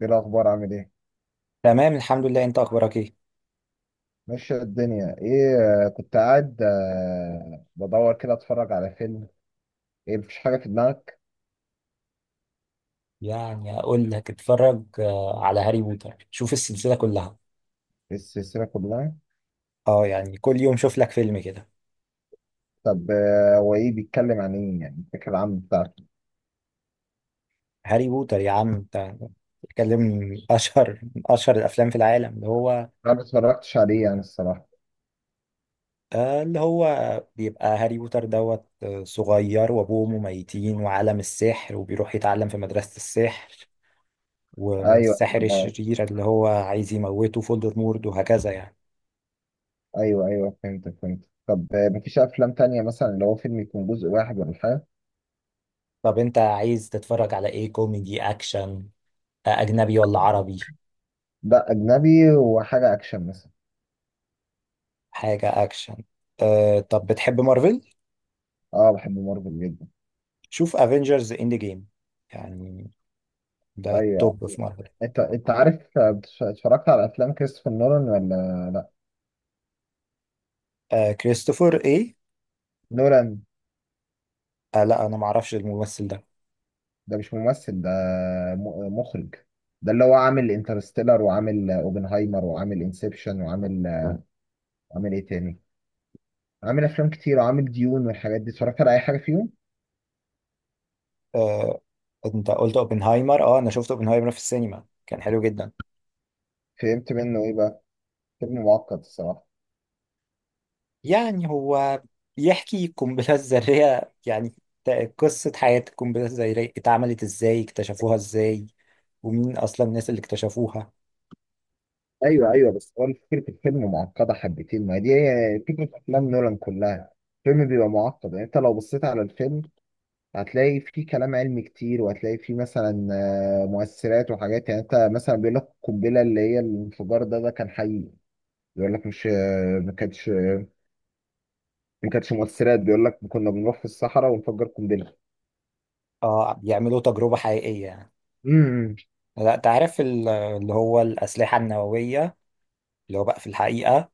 ايه الاخبار؟ عامل ايه؟ تمام، الحمد لله. انت اخبارك ايه؟ ماشي. الدنيا ايه؟ كنت قاعد، بدور كده اتفرج على فيلم. ايه؟ مفيش حاجه في دماغك. يعني اقول لك اتفرج على هاري بوتر، شوف السلسله كلها. السلسله كلها؟ اه، يعني كل يوم شوف لك فيلم كده. طب، هو ايه بيتكلم عن ايه يعني؟ الفكره العامه بتاعته؟ هاري بوتر يا عم انت، بتتكلم من اشهر الافلام في العالم، اللي هو انا ما اتفرجتش عليه يعني، الصراحه. اللي هو بيبقى هاري بوتر دوت، صغير وابوه ميتين، وعالم السحر، وبيروح يتعلم في مدرسة السحر. ايوه. والساحر آه. الشرير اللي هو عايز يموته فولدرمورت، وهكذا يعني. ايوه، ايوه، فهمت فهمت. طب، مفيش افلام تانية مثلا اللي هو فيلم يكون جزء واحد ولا حاجه؟ طب انت عايز تتفرج على ايه؟ كوميدي، اكشن، اجنبي ولا عربي؟ لا، اجنبي وحاجه اكشن مثلا. حاجه اكشن. طب بتحب مارفل؟ اه، بحب مارفل جدا. شوف افنجرز اند جيم، يعني ده ايوه. التوب في مارفل. انت عارف، اتفرجت على افلام كريستوفر نولان ولا؟ لا. كريستوفر ايه؟ نولان. لا، انا ما اعرفش الممثل ده. ده مش ممثل ده. مخرج. ده اللي هو عامل انترستيلر، وعامل اوبنهايمر، وعامل انسبشن، عامل ايه تاني؟ عامل افلام كتير وعامل ديون والحاجات دي. اتفرجت على اي حاجه فيهم؟ أه انت قلت اوبنهايمر. اه، انا شفت اوبنهايمر في السينما، كان حلو جدا. فهمت منه ايه بقى؟ فيلم معقد الصراحه. يعني هو بيحكي القنبله الذريه يعني، قصه حياه القنبله الذريه، اتعملت ازاي، اكتشفوها ازاي، ومين اصلا الناس اللي اكتشفوها. ايوه، ايوه، بس هو فكره الفيلم معقده حبتين. ما دي هي فكره افلام نولان كلها. الفيلم بيبقى معقد، يعني انت لو بصيت على الفيلم هتلاقي فيه كلام علمي كتير، وهتلاقي فيه مثلا مؤثرات وحاجات. يعني انت مثلا بيقول لك القنبله اللي هي الانفجار ده، كان حقيقي. بيقول لك مش... ما كانتش ما كانتش مؤثرات. بيقول لك كنا بنروح في الصحراء ونفجر قنبله. اه، بيعملوا تجربه حقيقيه يعني. امم. لا، تعرف اللي هو الأسلحة النووية، اللي هو بقى في الحقيقة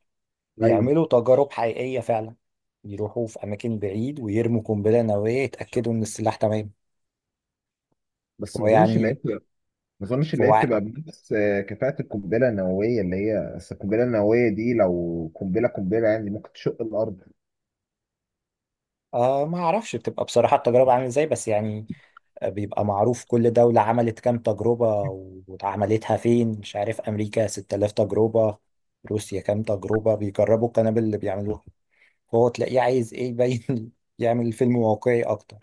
ايوه. بيعملوا تجارب حقيقية فعلا. يروحوا في أماكن بعيد ويرموا قنبلة نووية يتأكدوا إن السلاح تمام. بس هو ما اظنش اللي هي يعني بتبقى ما اظنش اللي هي هو بتبقى بنفس كفاءه القنبله النوويه اللي هي. بس القنبله النوويه دي لو قنبله قنبله، يعني ممكن تشق الارض. ما أعرفش بتبقى بصراحة التجربة عاملة إزاي، بس يعني بيبقى معروف كل دولة عملت كام تجربة وعملتها فين. مش عارف، أمريكا 6000 تجربة، روسيا كام تجربة، بيجربوا القنابل اللي بيعملوها. فهو تلاقيه عايز إيه؟ يبين يعمل فيلم واقعي أكتر.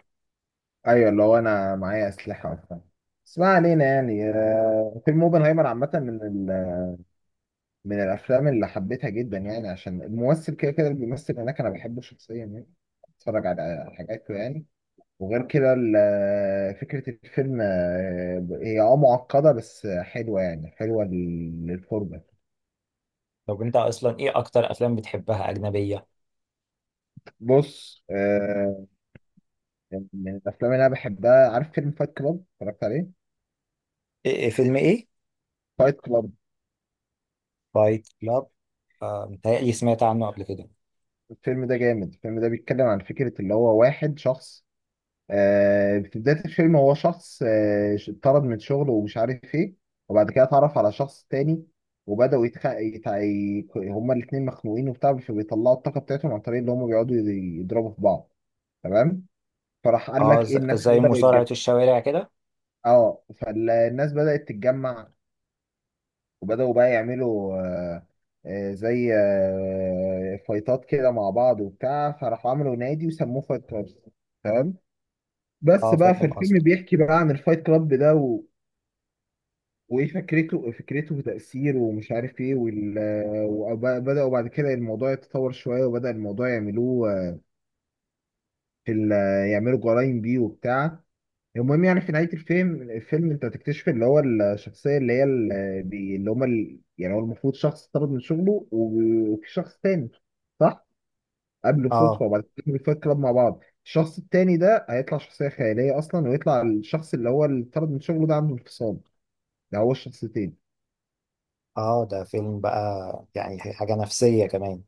ايوه، اللي هو انا معايا اسلحه وبتاع. بس ما علينا، يعني فيلم اوبنهايمر عامه من الافلام اللي حبيتها جدا يعني، عشان الممثل كده كده اللي بيمثل هناك انا بحبه شخصيا يعني. اتفرج على حاجاته يعني. وغير كده فكرة الفيلم، هي معقدة بس حلوة، يعني حلوة للفرجة. طب انت اصلا ايه اكتر افلام بتحبها اجنبيه؟ بص، يعني من الأفلام اللي أنا بحبها، عارف فيلم فايت كلاب اتفرجت عليه؟ إيه فيلم ايه؟ فايت كلاب. فايت كلاب. متهيألي سمعت عنه قبل كده. الفيلم ده جامد. الفيلم ده بيتكلم عن فكرة اللي هو واحد شخص، في بداية الفيلم هو شخص، اتطرد من شغله ومش عارف ايه. وبعد كده اتعرف على شخص تاني. وبدأوا هما الاتنين مخنوقين وبتاع، فبيطلعوا الطاقة بتاعتهم عن طريق اللي هما بيقعدوا يضربوا في بعض. تمام. فراح قال اه، لك ايه؟ الناس زي بدأت تتجمع. مصارعه الشوارع كده. اه، فالناس بدأت تتجمع، وبدأوا بقى يعملوا زي فايتات كده مع بعض وبتاع، فراحوا عملوا نادي وسموه فايت كلاب. تمام. بس اه، بقى في فاهم الفيلم قصدك. بيحكي بقى عن الفايت كلاب ده وايه فكرته؟ وتأثيره ومش عارف ايه، وبدأوا بعد كده الموضوع يتطور شوية. وبدأ الموضوع يعملوه في ال... يعملوا جرايم بيه وبتاع. المهم، يعني في نهاية الفيلم انت هتكتشف اللي هو الشخصية اللي هي يعني هو المفروض شخص طرد من شغله وفي شخص تاني، صح؟ قابله اه صدفة، وبعد كده الفايت كلاب مع بعض. الشخص التاني ده هيطلع شخصية خيالية أصلا، ويطلع الشخص اللي هو اللي طرد من شغله ده عنده انفصام. ده هو الشخصيتين. اه، ده فيلم بقى يعني حاجه نفسيه كمان.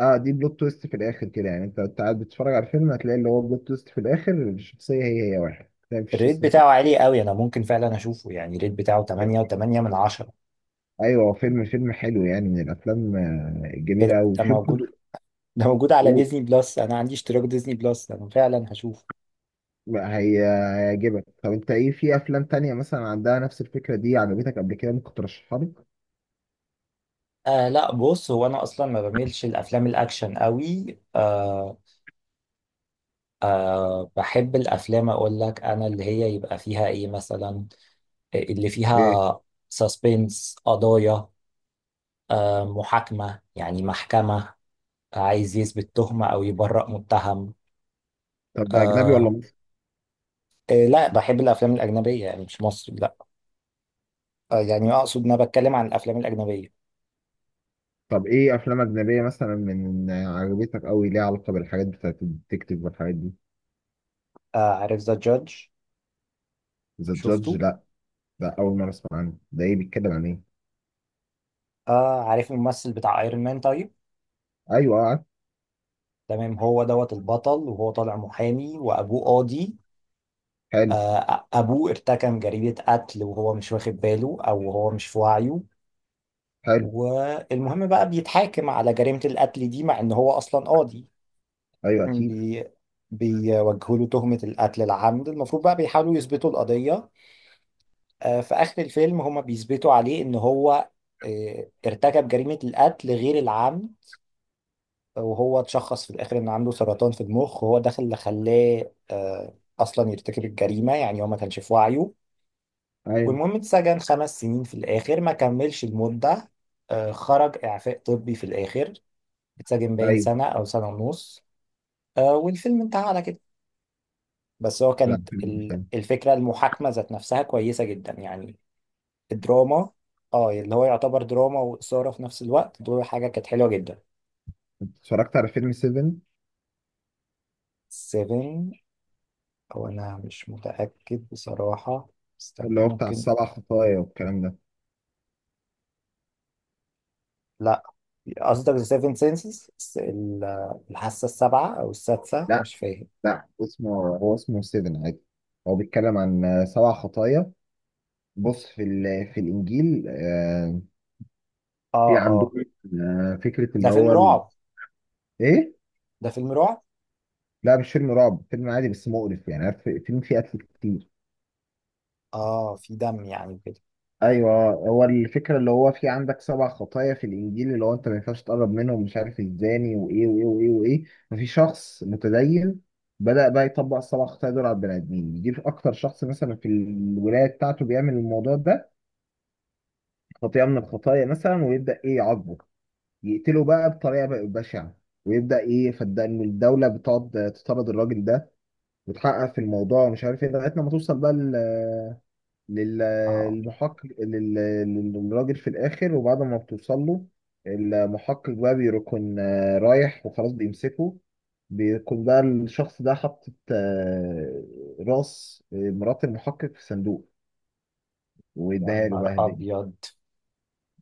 اه، دي بلوت تويست في الآخر كده، يعني انت قاعد بتتفرج على الفيلم هتلاقي اللي هو بلوت تويست في الآخر، الشخصية هي هي واحد ده مفيش الريت اسمه بتاعه عالي قوي، انا ممكن فعلا اشوفه. يعني الريت بتاعه كده. 8 و8 من 10. ايوه، فيلم حلو، يعني من الافلام ايه الجميله ده قوي ده في برضه. موجود؟ ده موجود على ديزني بلس، انا عندي اشتراك ديزني بلس، انا فعلا هشوفه. لا، هي هيعجبك. طب انت ايه في افلام تانية مثلا عندها نفس الفكرة دي عجبتك قبل كده؟ ممكن ترشحها لي؟ لا، بص هو انا اصلا ما بميلش الافلام الاكشن قوي. آه أه بحب الأفلام، أقول لك أنا اللي هي يبقى فيها إيه مثلا؟ اللي ايه؟ فيها سسبنس، قضايا، محاكمة، يعني محكمة، عايز يثبت تهمة أو يبرأ متهم. طب ده اجنبي ولا أه مصري؟ إيه، لا، بحب الأفلام الأجنبية، يعني مش مصري، لا. يعني أقصد أنا بتكلم عن الأفلام الأجنبية. طب ايه افلام اجنبية مثلا من عجبتك قوي ليها علاقة بالحاجات بتاعت الديتكتيف والحاجات دي؟ عارف ذا جادج؟ ذا جادج؟ شفته. لا. ده اول مرة اسمع عنه. ده ايه بيتكلم عن ايه؟ عارف الممثل بتاع أيرون مان؟ طيب، ايوه اه عارف. تمام، هو دوت البطل، وهو طالع محامي وأبوه قاضي. حلو. أبوه ارتكب جريمة قتل وهو مش واخد باله، أو هو مش في وعيه. حلو. والمهم بقى بيتحاكم على جريمة القتل دي مع إن هو أصلا قاضي. ايوه اكيد. بي بيوجهوا له تهمة القتل العمد، المفروض بقى بيحاولوا يثبتوا القضية. في آخر الفيلم هما بيثبتوا عليه إن هو ارتكب جريمة القتل غير العمد. وهو اتشخص في الآخر إن عنده سرطان في المخ، وهو ده اللي خلاه أصلا يرتكب الجريمة، يعني هو ما كانش في وعيه. ايوه. والمهم اتسجن 5 سنين في الآخر، ما كملش المدة. خرج إعفاء طبي في الآخر. اتسجن باين ايوه. سنة أو سنة ونص. والفيلم انتهى على كده. بس هو لا، كانت فيلم حلو. الفكرة، المحاكمة ذات نفسها، كويسة جدا يعني. الدراما، اه، اللي هو يعتبر دراما وإثارة في نفس الوقت، دول حاجة كانت حلوة جدا. انت اتفرجت على فيلم 7؟ سيفن، أو أنا مش متأكد بصراحة. اللي استنى هو بتاع ممكن. السبع خطايا والكلام ده. لا، قصدك ذا سيفن سينسز؟ الحاسة السابعة أو السادسة، لا. مش فاهم. لا اسمه... هو اسمه 7 عادي. هو بيتكلم عن سبع خطايا. بص، في الانجيل، اه في اه، عندهم فكره ده اللي فيلم هو رعب. ايه؟ ده فيلم رعب. لا مش فيلم رعب. فيلم عادي بس مقرف، يعني عارف، فيلم فيه قتل كتير. اه، في دم يعني كده. ايوه، هو الفكره اللي هو في عندك سبع خطايا في الانجيل، اللي هو انت ما ينفعش تقرب منهم، مش عارف الزاني وايه وايه وايه وايه. ففي شخص متدين بدأ بقى يطبق السبع خطايا دول على البني ادمين. يجيب اكتر شخص مثلا في الولايه بتاعته بيعمل الموضوع ده، خطيئه من الخطايا مثلا، ويبدأ ايه؟ يعاقبه. يقتله بقى بطريقة بقى بشعة. ويبدأ إيه فالدم. الدولة بتقعد تطرد الراجل ده، وتحقق في الموضوع ومش عارف إيه، لغاية لما توصل بقى لل- اه، للمحقق، للراجل في الآخر. وبعد ما بتوصل له المحقق بقى، بيكون رايح وخلاص بيمسكه، بيكون بقى الشخص ده حاطط راس مرات المحقق في صندوق، يا ويديها له نهار بقى هدية. ابيض.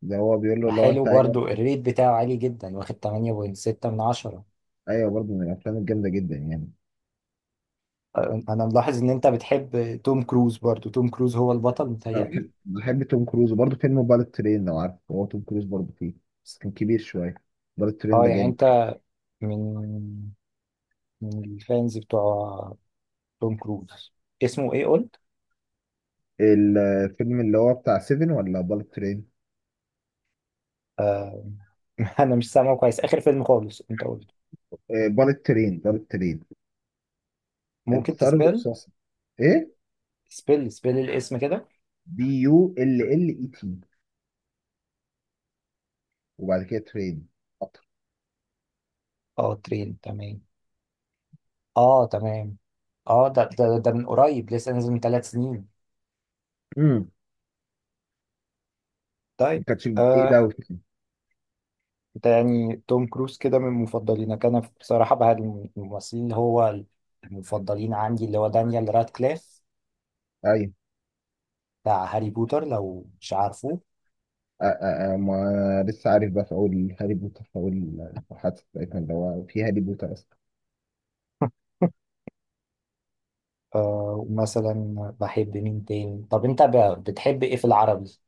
ده هو بيقول له لو وحلو انت... ايوه. برضو، الريت بتاعه عالي جدا، واخد 8.6 من 10. ايوه برضه من الافلام الجامده جدا يعني. انا ملاحظ ان انت بتحب توم كروز. برضو توم كروز هو البطل انا متهيألي. بحب توم كروز، وبرضه فيلم بالت ترين لو عارف، هو توم كروز برضه فيه. بس كان كبير شويه. بالت ترين اه، ده يعني جامد. انت من من الفانز بتوع توم كروز. اسمه ايه قلت؟ الفيلم اللي هو بتاع سيفن ولا بالت ترين؟ آه انا مش سامعه كويس، اخر فيلم خالص انت قلت؟ بالت ترين، بالت ترين. ممكن القطار تسبيل؟ الرصاصي. ايه؟ سبيل سبيل الاسم كده. بي يو ال ال اي تي، وبعد كده ترين. قطر. اه، ترين، تمام. اه، تمام. اه، ده من قريب، لسه نازل من 3 سنين. امم. ما طيب. كانتش بعيد آه قوي. ده يعني توم كروز كده من مفضلينك. انا بصراحة بقى الممثلين اللي هو المفضلين عندي اللي هو دانيال رادكليف، ايوه. بتاع هاري بوتر لو مش عارفه. ما لسه عارف بقى، في اول هاري بوتر، في اول البحث بتاعتنا اللي هو في هاري بوتر اصلا. ومثلا بحب مين تاني؟ طب انت بتحب ايه في العربي؟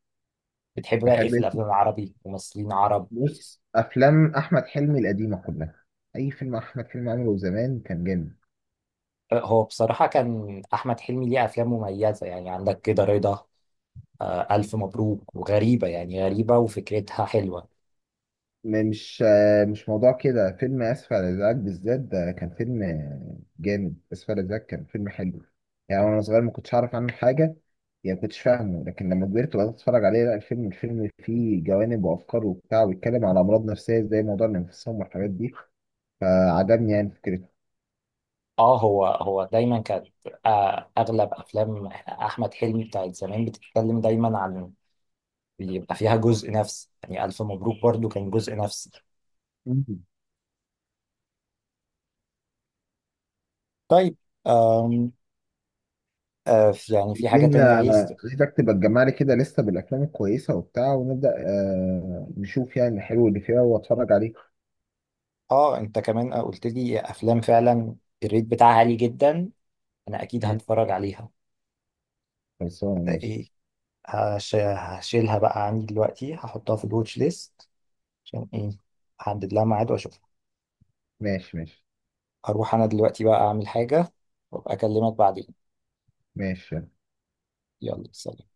بتحب بقى ايه بحب. في الافلام العربي، ممثلين عرب؟ بص، افلام احمد حلمي القديمه كلها. اي فيلم احمد حلمي عمله زمان كان جامد. هو بصراحة كان احمد حلمي ليه افلام مميزة، يعني عندك كده رضا، ألف مبروك، وغريبة، يعني غريبة وفكرتها حلوة. مش موضوع كده. فيلم اسف على الازعاج بالذات ده كان فيلم جامد. اسف على الازعاج كان فيلم حلو. يعني وانا صغير ما كنتش اعرف عنه حاجه، يعني ما كنتش فاهمه، لكن لما كبرت وبدات اتفرج عليه لا الفيلم، الفيلم فيه جوانب وافكار وبتاع، وبيتكلم على امراض نفسيه زي موضوع الانفصام والحاجات دي. فعجبني يعني فكرته. اه، هو دايما كانت أغلب أفلام أحمد حلمي بتاعت زمان بتتكلم دايما عن اللي يبقى فيها جزء نفس، يعني ألف مبروك برضو كان جزء نفس. مم. طيب. آم يعني في حاجة عايزين تانية عايز آه، عايزك تبقى تجمع لي كده لسه بالافلام الكويسه وبتاع، ونبدا نشوف يعني الحلو اللي فيها واتفرج عليه. اه، انت كمان قلت لي أفلام فعلا الريت بتاعها عالي جدا، أنا أكيد مم. هتفرج عليها. خلصانه، ده ماشي. ايه؟ هشيلها بقى عندي دلوقتي، هحطها في الواتش ليست عشان ايه؟ احدد لها ميعاد واشوف. ماشي، ماشي. هروح انا دلوقتي بقى اعمل حاجة، وابقى اكلمك بعدين. ماشي. يلا سلام.